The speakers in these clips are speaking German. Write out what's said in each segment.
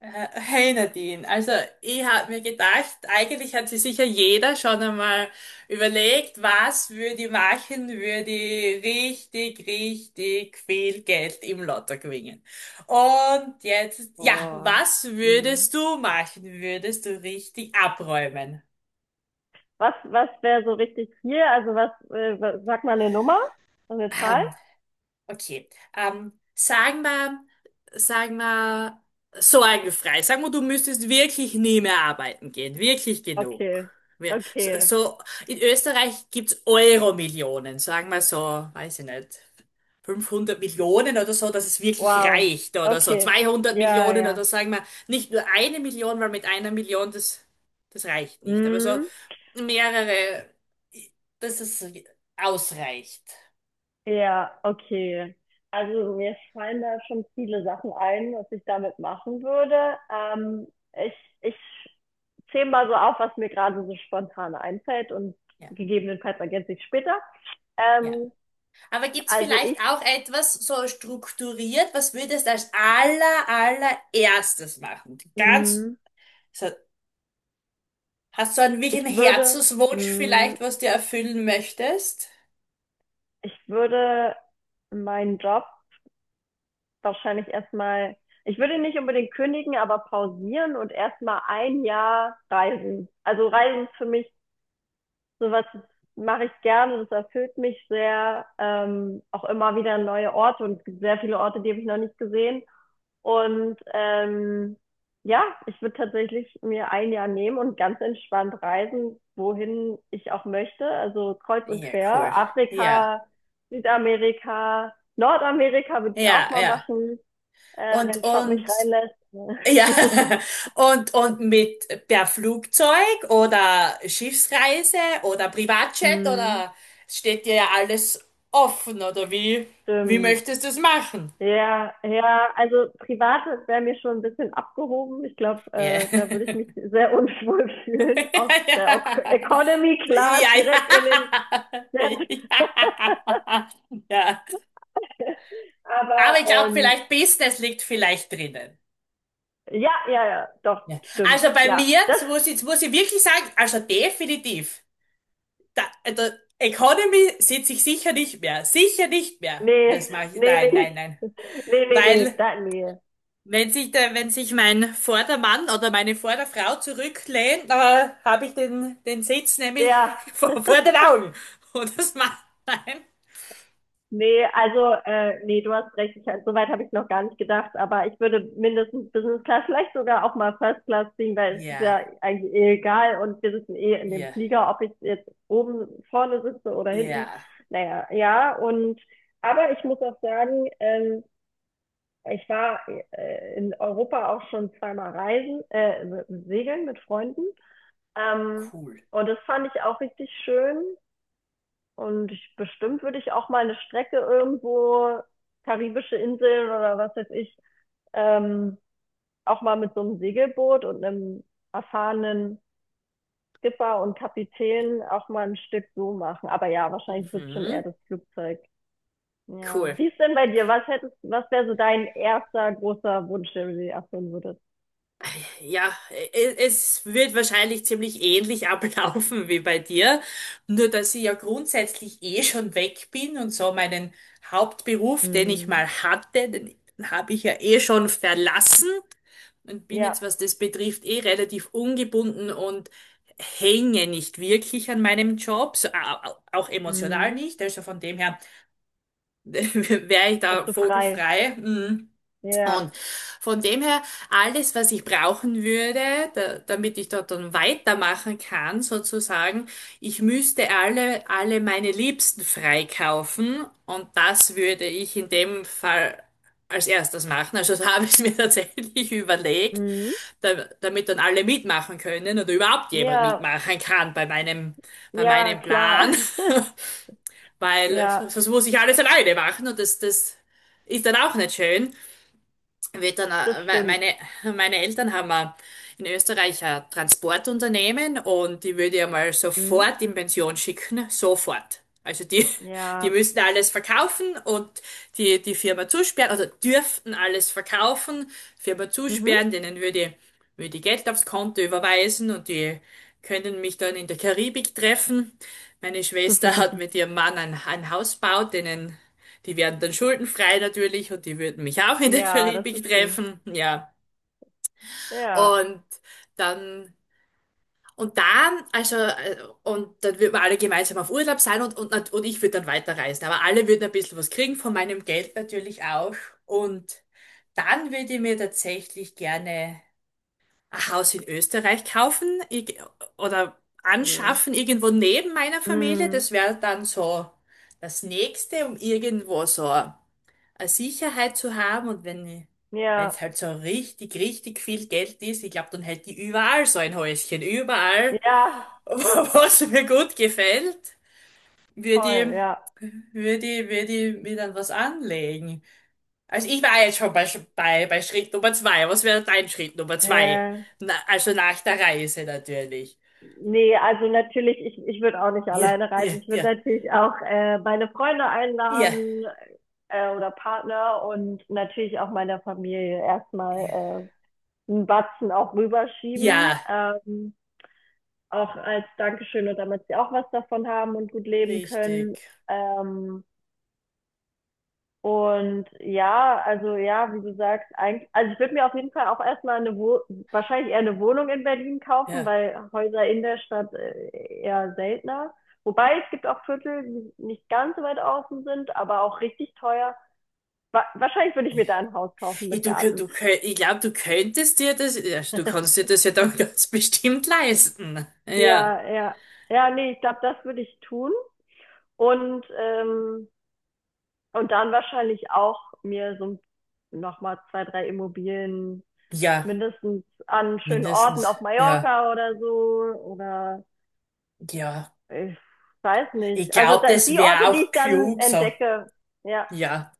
Hey Nadine, also ich habe mir gedacht, eigentlich hat sich sicher jeder schon einmal überlegt, was würde ich machen, würde ich richtig, richtig viel Geld im Lotto gewinnen. Und jetzt, ja, Boah. was Hm. würdest du machen? Würdest du richtig abräumen? Was wäre so richtig viel? Also sag mal eine Nummer, eine Zahl? Ähm, Okay. Ähm, sagen wir, sagen wir, sorgenfrei. Sagen wir, du müsstest wirklich nie mehr arbeiten gehen. Wirklich genug. Okay, Wir, so, okay, so, in Österreich gibt's Euro-Millionen. Sagen wir so, weiß ich nicht, 500 Millionen oder so, dass es wirklich wow, reicht oder so. okay, Zweihundert ja, Millionen oder ja, sagen wir nicht nur 1 Million, weil mit 1 Million das reicht nicht. Aber so hm. mehrere, dass es ausreicht. Ja, okay. Also mir fallen da schon viele Sachen ein, was ich damit machen würde. Ich, ich zähle mal so auf, was mir gerade so spontan einfällt und Ja, gegebenenfalls ergänze ich später. ja. Ähm, Aber gibt's also vielleicht ich, auch etwas so strukturiert, was würdest du als allererstes machen? Ganz, hm, so, hast du einen wirklichen ich würde, Herzenswunsch hm, vielleicht, was du erfüllen möchtest? Ich würde meinen Job wahrscheinlich, ich würde nicht unbedingt kündigen, aber pausieren und erstmal ein Jahr reisen. Also Reisen ist für mich sowas, das mache ich gerne, das erfüllt mich sehr. Auch immer wieder neue Orte, und es gibt sehr viele Orte, die habe ich noch nicht gesehen. Und ja, ich würde tatsächlich mir ein Jahr nehmen und ganz entspannt reisen, wohin ich auch möchte. Also kreuz und Ja, cool. quer. Ja, Afrika, Südamerika, Nordamerika würde ich ja, auch mal ja. machen, Und, wenn Trump mich und, reinlässt. ja. Und mit per Flugzeug oder Schiffsreise oder Privatjet Hm. oder steht dir ja alles offen oder wie Stimmt. möchtest du es machen? Ja, ja, also privat wäre mir schon ein bisschen abgehoben. Ich glaube, Ja. Da würde ich mich sehr unwohl fühlen, aus der Economy Class Ja, ja. Ja. direkt in den Ja. Ja. Aber Aber ich glaube, vielleicht Business liegt vielleicht drinnen. ja, ja, ja, doch, Ja. Also stimmt. bei Ja, mir, das, jetzt muss ich wirklich sagen, also definitiv. Da, also Economy sitze ich sicher nicht mehr. Sicher nicht mehr. nee, Das mache ich. nee, nee, Nein, nein, nee, nein. nee, nee, nee, Weil da, nee. wenn sich wenn sich mein Vordermann oder meine Vorderfrau zurücklehnt, habe ich den Sitz nämlich Ja, vor den Augen. Und das macht nein. nee, also, nee, du hast recht, ich, so weit habe ich noch gar nicht gedacht, aber ich würde mindestens Business Class, vielleicht sogar auch mal First Class ziehen, weil es ist Ja, ja eigentlich eh egal und wir sitzen eh in dem ja, Flieger, ob ich jetzt oben vorne sitze oder hinten. ja, Naja, ja, und, aber ich muss auch sagen, ich war in Europa auch schon zweimal reisen, segeln mit Freunden. Ähm, cool. und das fand ich auch richtig schön. Und bestimmt würde ich auch mal eine Strecke irgendwo, karibische Inseln oder was weiß ich, ähm, auch mal mit so einem Segelboot und einem erfahrenen Skipper und Kapitän auch mal ein Stück so machen. Aber ja, wahrscheinlich wird es schon eher Mhm, das Flugzeug. Ja. cool. Wie ist denn bei dir? Was hättest, was wäre so dein erster großer Wunsch, den du dir erfüllen würdest? Ja, es wird wahrscheinlich ziemlich ähnlich ablaufen wie bei dir, nur dass ich ja grundsätzlich eh schon weg bin und so meinen Hauptberuf, den ich mal Mhm. hatte, den habe ich ja eh schon verlassen und bin Ja. jetzt, was das betrifft, eh relativ ungebunden und hänge nicht wirklich an meinem Job, so, auch emotional Mhm. nicht, also von dem her wäre ich da Bist du frei. vogelfrei. Mm. Ja. Und von dem her, alles, was ich brauchen würde, damit ich dort dann weitermachen kann, sozusagen, ich müsste alle meine Liebsten freikaufen und das würde ich in dem Fall als erstes machen. Also da habe ich mir tatsächlich überlegt, Mhm. da, damit dann alle mitmachen können oder überhaupt jemand Ja, mitmachen kann bei ja, meinem klar. Plan, weil Ja, sonst muss ich alles alleine machen und das ist dann auch nicht schön wird dann, das stimmt. Meine Eltern haben in Österreich ein Transportunternehmen und die würde ich mal Mhm. sofort in Pension schicken, sofort. Also die, die Ja. müssten alles verkaufen und die Firma zusperren, oder dürften alles verkaufen, Firma Mhm. zusperren, denen würde ich Geld aufs Konto überweisen und die können mich dann in der Karibik treffen. Meine Schwester hat mit ihrem Mann ein Haus gebaut, denen die werden dann schuldenfrei natürlich und die würden mich auch in der Ja, das Karibik ist schön. treffen. Ja. Ja. Und dann, also, und dann würden wir alle gemeinsam auf Urlaub sein und ich würde dann weiterreisen. Aber alle würden ein bisschen was kriegen von meinem Geld natürlich auch. Und dann würde ich mir tatsächlich gerne ein Haus in Österreich kaufen oder Schön. anschaffen, irgendwo neben meiner Familie. Mhm. Das wäre dann so das nächste, um irgendwo so eine Sicherheit zu haben und wenn es Ja, halt so richtig, richtig viel Geld ist, ich glaube, dann hätte ich überall so ein Häuschen, überall, ja, was mir gut gefällt, würde ich, voll, ja. Würde ich mir dann was anlegen. Also ich war jetzt schon bei Schritt Nummer zwei. Was wäre dein Schritt Nummer zwei? Ja, Na, also nach der Reise natürlich. nee, also natürlich, ich würde auch nicht Ja, alleine ja, reisen. Ich würde ja, natürlich auch meine Freunde ja, einladen, oder Partner und natürlich auch meiner Familie ja, erstmal 'n Batzen auch rüberschieben, ja, auch als Dankeschön und damit sie auch was davon haben und gut leben können. richtig. Ähm, und ja, also ja, wie du sagst, eigentlich, also ich würde mir auf jeden Fall auch erstmal mal 'ne Wo wahrscheinlich eher eine Wohnung in Berlin kaufen, Ja. weil Häuser in der Stadt, eher seltener. Wobei, es gibt auch Viertel, die nicht ganz so weit außen sind, aber auch richtig teuer. Wa Wahrscheinlich würde ich mir da ein Haus kaufen Ja. mit Garten. Ich glaube, du könntest dir das, ja, du kannst dir das ja dann ganz bestimmt leisten. Ja, Ja, ja. Ja, nee, ich glaube, das würde ich tun. Und, ähm, und dann wahrscheinlich auch mir so nochmal zwei, drei Immobilien ja, mindestens an schönen Orten mindestens. auf Ja, Mallorca oder so. Oder ja. ich weiß nicht. Ich Also da, glaube, das die wäre Orte, die auch ich dann klug so. entdecke, ja, Ja.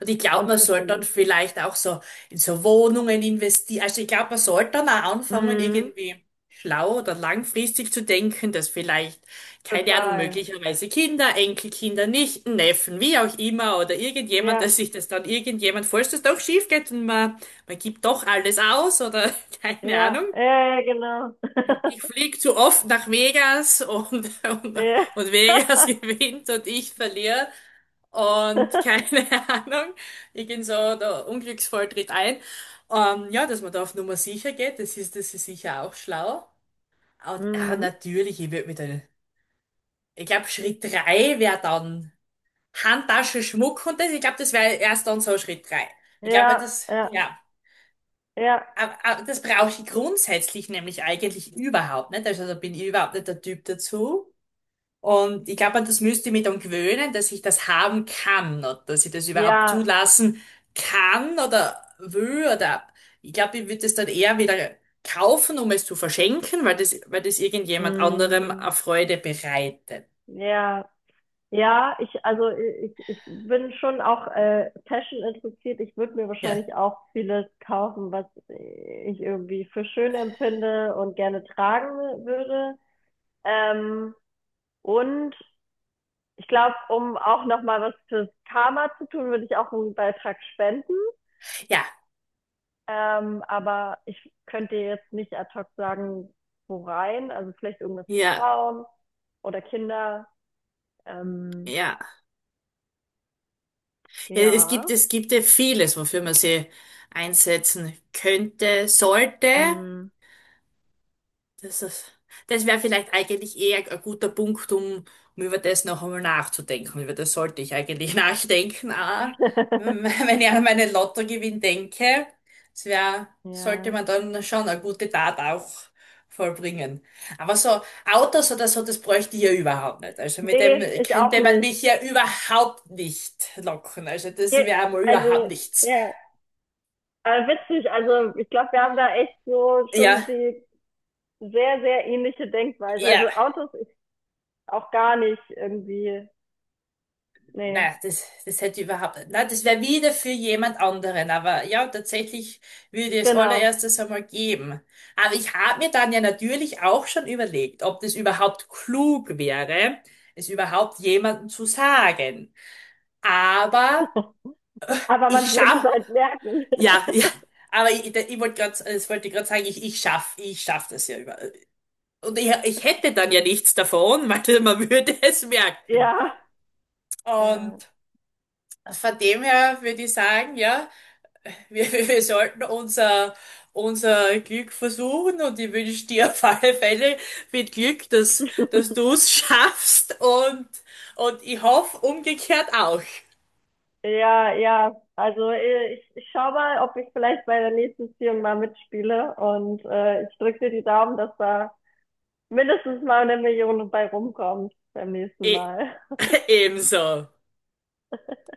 Und ich glaube, und man für sollte schön dann empfinde. vielleicht auch so in so Wohnungen investieren. Also ich glaube, man sollte dann auch anfangen, Mhm, irgendwie schlau oder langfristig zu denken, dass vielleicht, keine Ahnung, total. möglicherweise Kinder, Enkelkinder, Nichten, Neffen, wie auch immer, oder irgendjemand, Ja, dass sich das dann irgendjemand, falls das doch schief geht und man gibt doch alles aus oder keine ja, Ahnung. ja, ja, genau. Ich fliege zu oft nach Vegas und, Ja. und Vegas gewinnt und ich verliere und keine Ahnung. Ich gehe so der Unglücksfall tritt ein. Ja, dass man da auf Nummer sicher geht, das ist sicher auch schlau. Und Mhm. natürlich, ich würde mit der, ich glaube, Schritt drei wäre dann Handtasche, Schmuck und das. Ich glaube, das wäre erst dann so Schritt drei. Ich glaube, Ja, das, ja, ja. ja, Aber das brauche ich grundsätzlich nämlich eigentlich überhaupt nicht. Also da bin ich überhaupt nicht der Typ dazu. Und ich glaube, an das müsste ich mich dann gewöhnen, dass ich das haben kann oder dass ich das überhaupt ja. zulassen kann oder will oder ich glaube, ich würde es dann eher wieder kaufen, um es zu verschenken, weil das irgendjemand anderem Mhm. eine Freude bereitet. Ja. Ja, ich, also ich bin schon auch Fashion interessiert. Ich würde mir Ja, wahrscheinlich auch vieles kaufen, was ich irgendwie für schön empfinde und gerne tragen würde. Ähm, und ich glaube, um auch nochmal was fürs Karma zu tun, würde ich auch einen Beitrag spenden. ja, Aber ich könnte dir jetzt nicht ad hoc sagen, wo rein. Also vielleicht irgendwas für ja, Frauen oder Kinder. Ähm, ja. Ja. Ja. Es gibt ja vieles, wofür man sie einsetzen könnte, sollte. Mm. Das ist, das wäre vielleicht eigentlich eher ein guter Punkt, um über das noch einmal nachzudenken. Über das sollte ich eigentlich nachdenken. Wenn ich an meinen Lottogewinn denke, sollte Ja. man dann schon eine gute Tat auch vollbringen. Aber so Autos oder so, das bräuchte ich ja überhaupt nicht. Also mit dem Nee, ich auch könnte man nicht. mich ja überhaupt nicht locken. Also das Ge- wäre mal überhaupt Also, nichts. ja, aber witzig. Also, ich glaube, wir haben da echt so schon Ja, die sehr, sehr ähnliche Denkweise. ja. Also, Autos ist auch gar nicht irgendwie. Nee, Na, das hätte ich überhaupt nicht. Na, das wäre wieder für jemand anderen. Aber ja, tatsächlich würde ich es genau. allererstes einmal geben. Aber ich habe mir dann ja natürlich auch schon überlegt, ob das überhaupt klug wäre, es überhaupt jemandem zu sagen. Aber Aber ich man wird es schaff, halt merken. ja, ja. Aber ich wollte gerade, das wollte ich gerade sagen, ich schaff das ja über. Und ich hätte dann ja nichts davon, weil man würde es merken. Ja, Und ja. von dem her würde ich sagen, ja. Wir sollten unser Glück versuchen und ich wünsche dir auf alle Fälle viel Glück, dass du es schaffst und ich hoffe umgekehrt auch. Ja, ja. Also, ich schau mal, ob ich vielleicht bei der nächsten Ziehung mal mitspiele. Und ich drücke dir die Daumen, dass da mindestens mal eine Million bei rumkommt beim nächsten E Mal. Ebenso.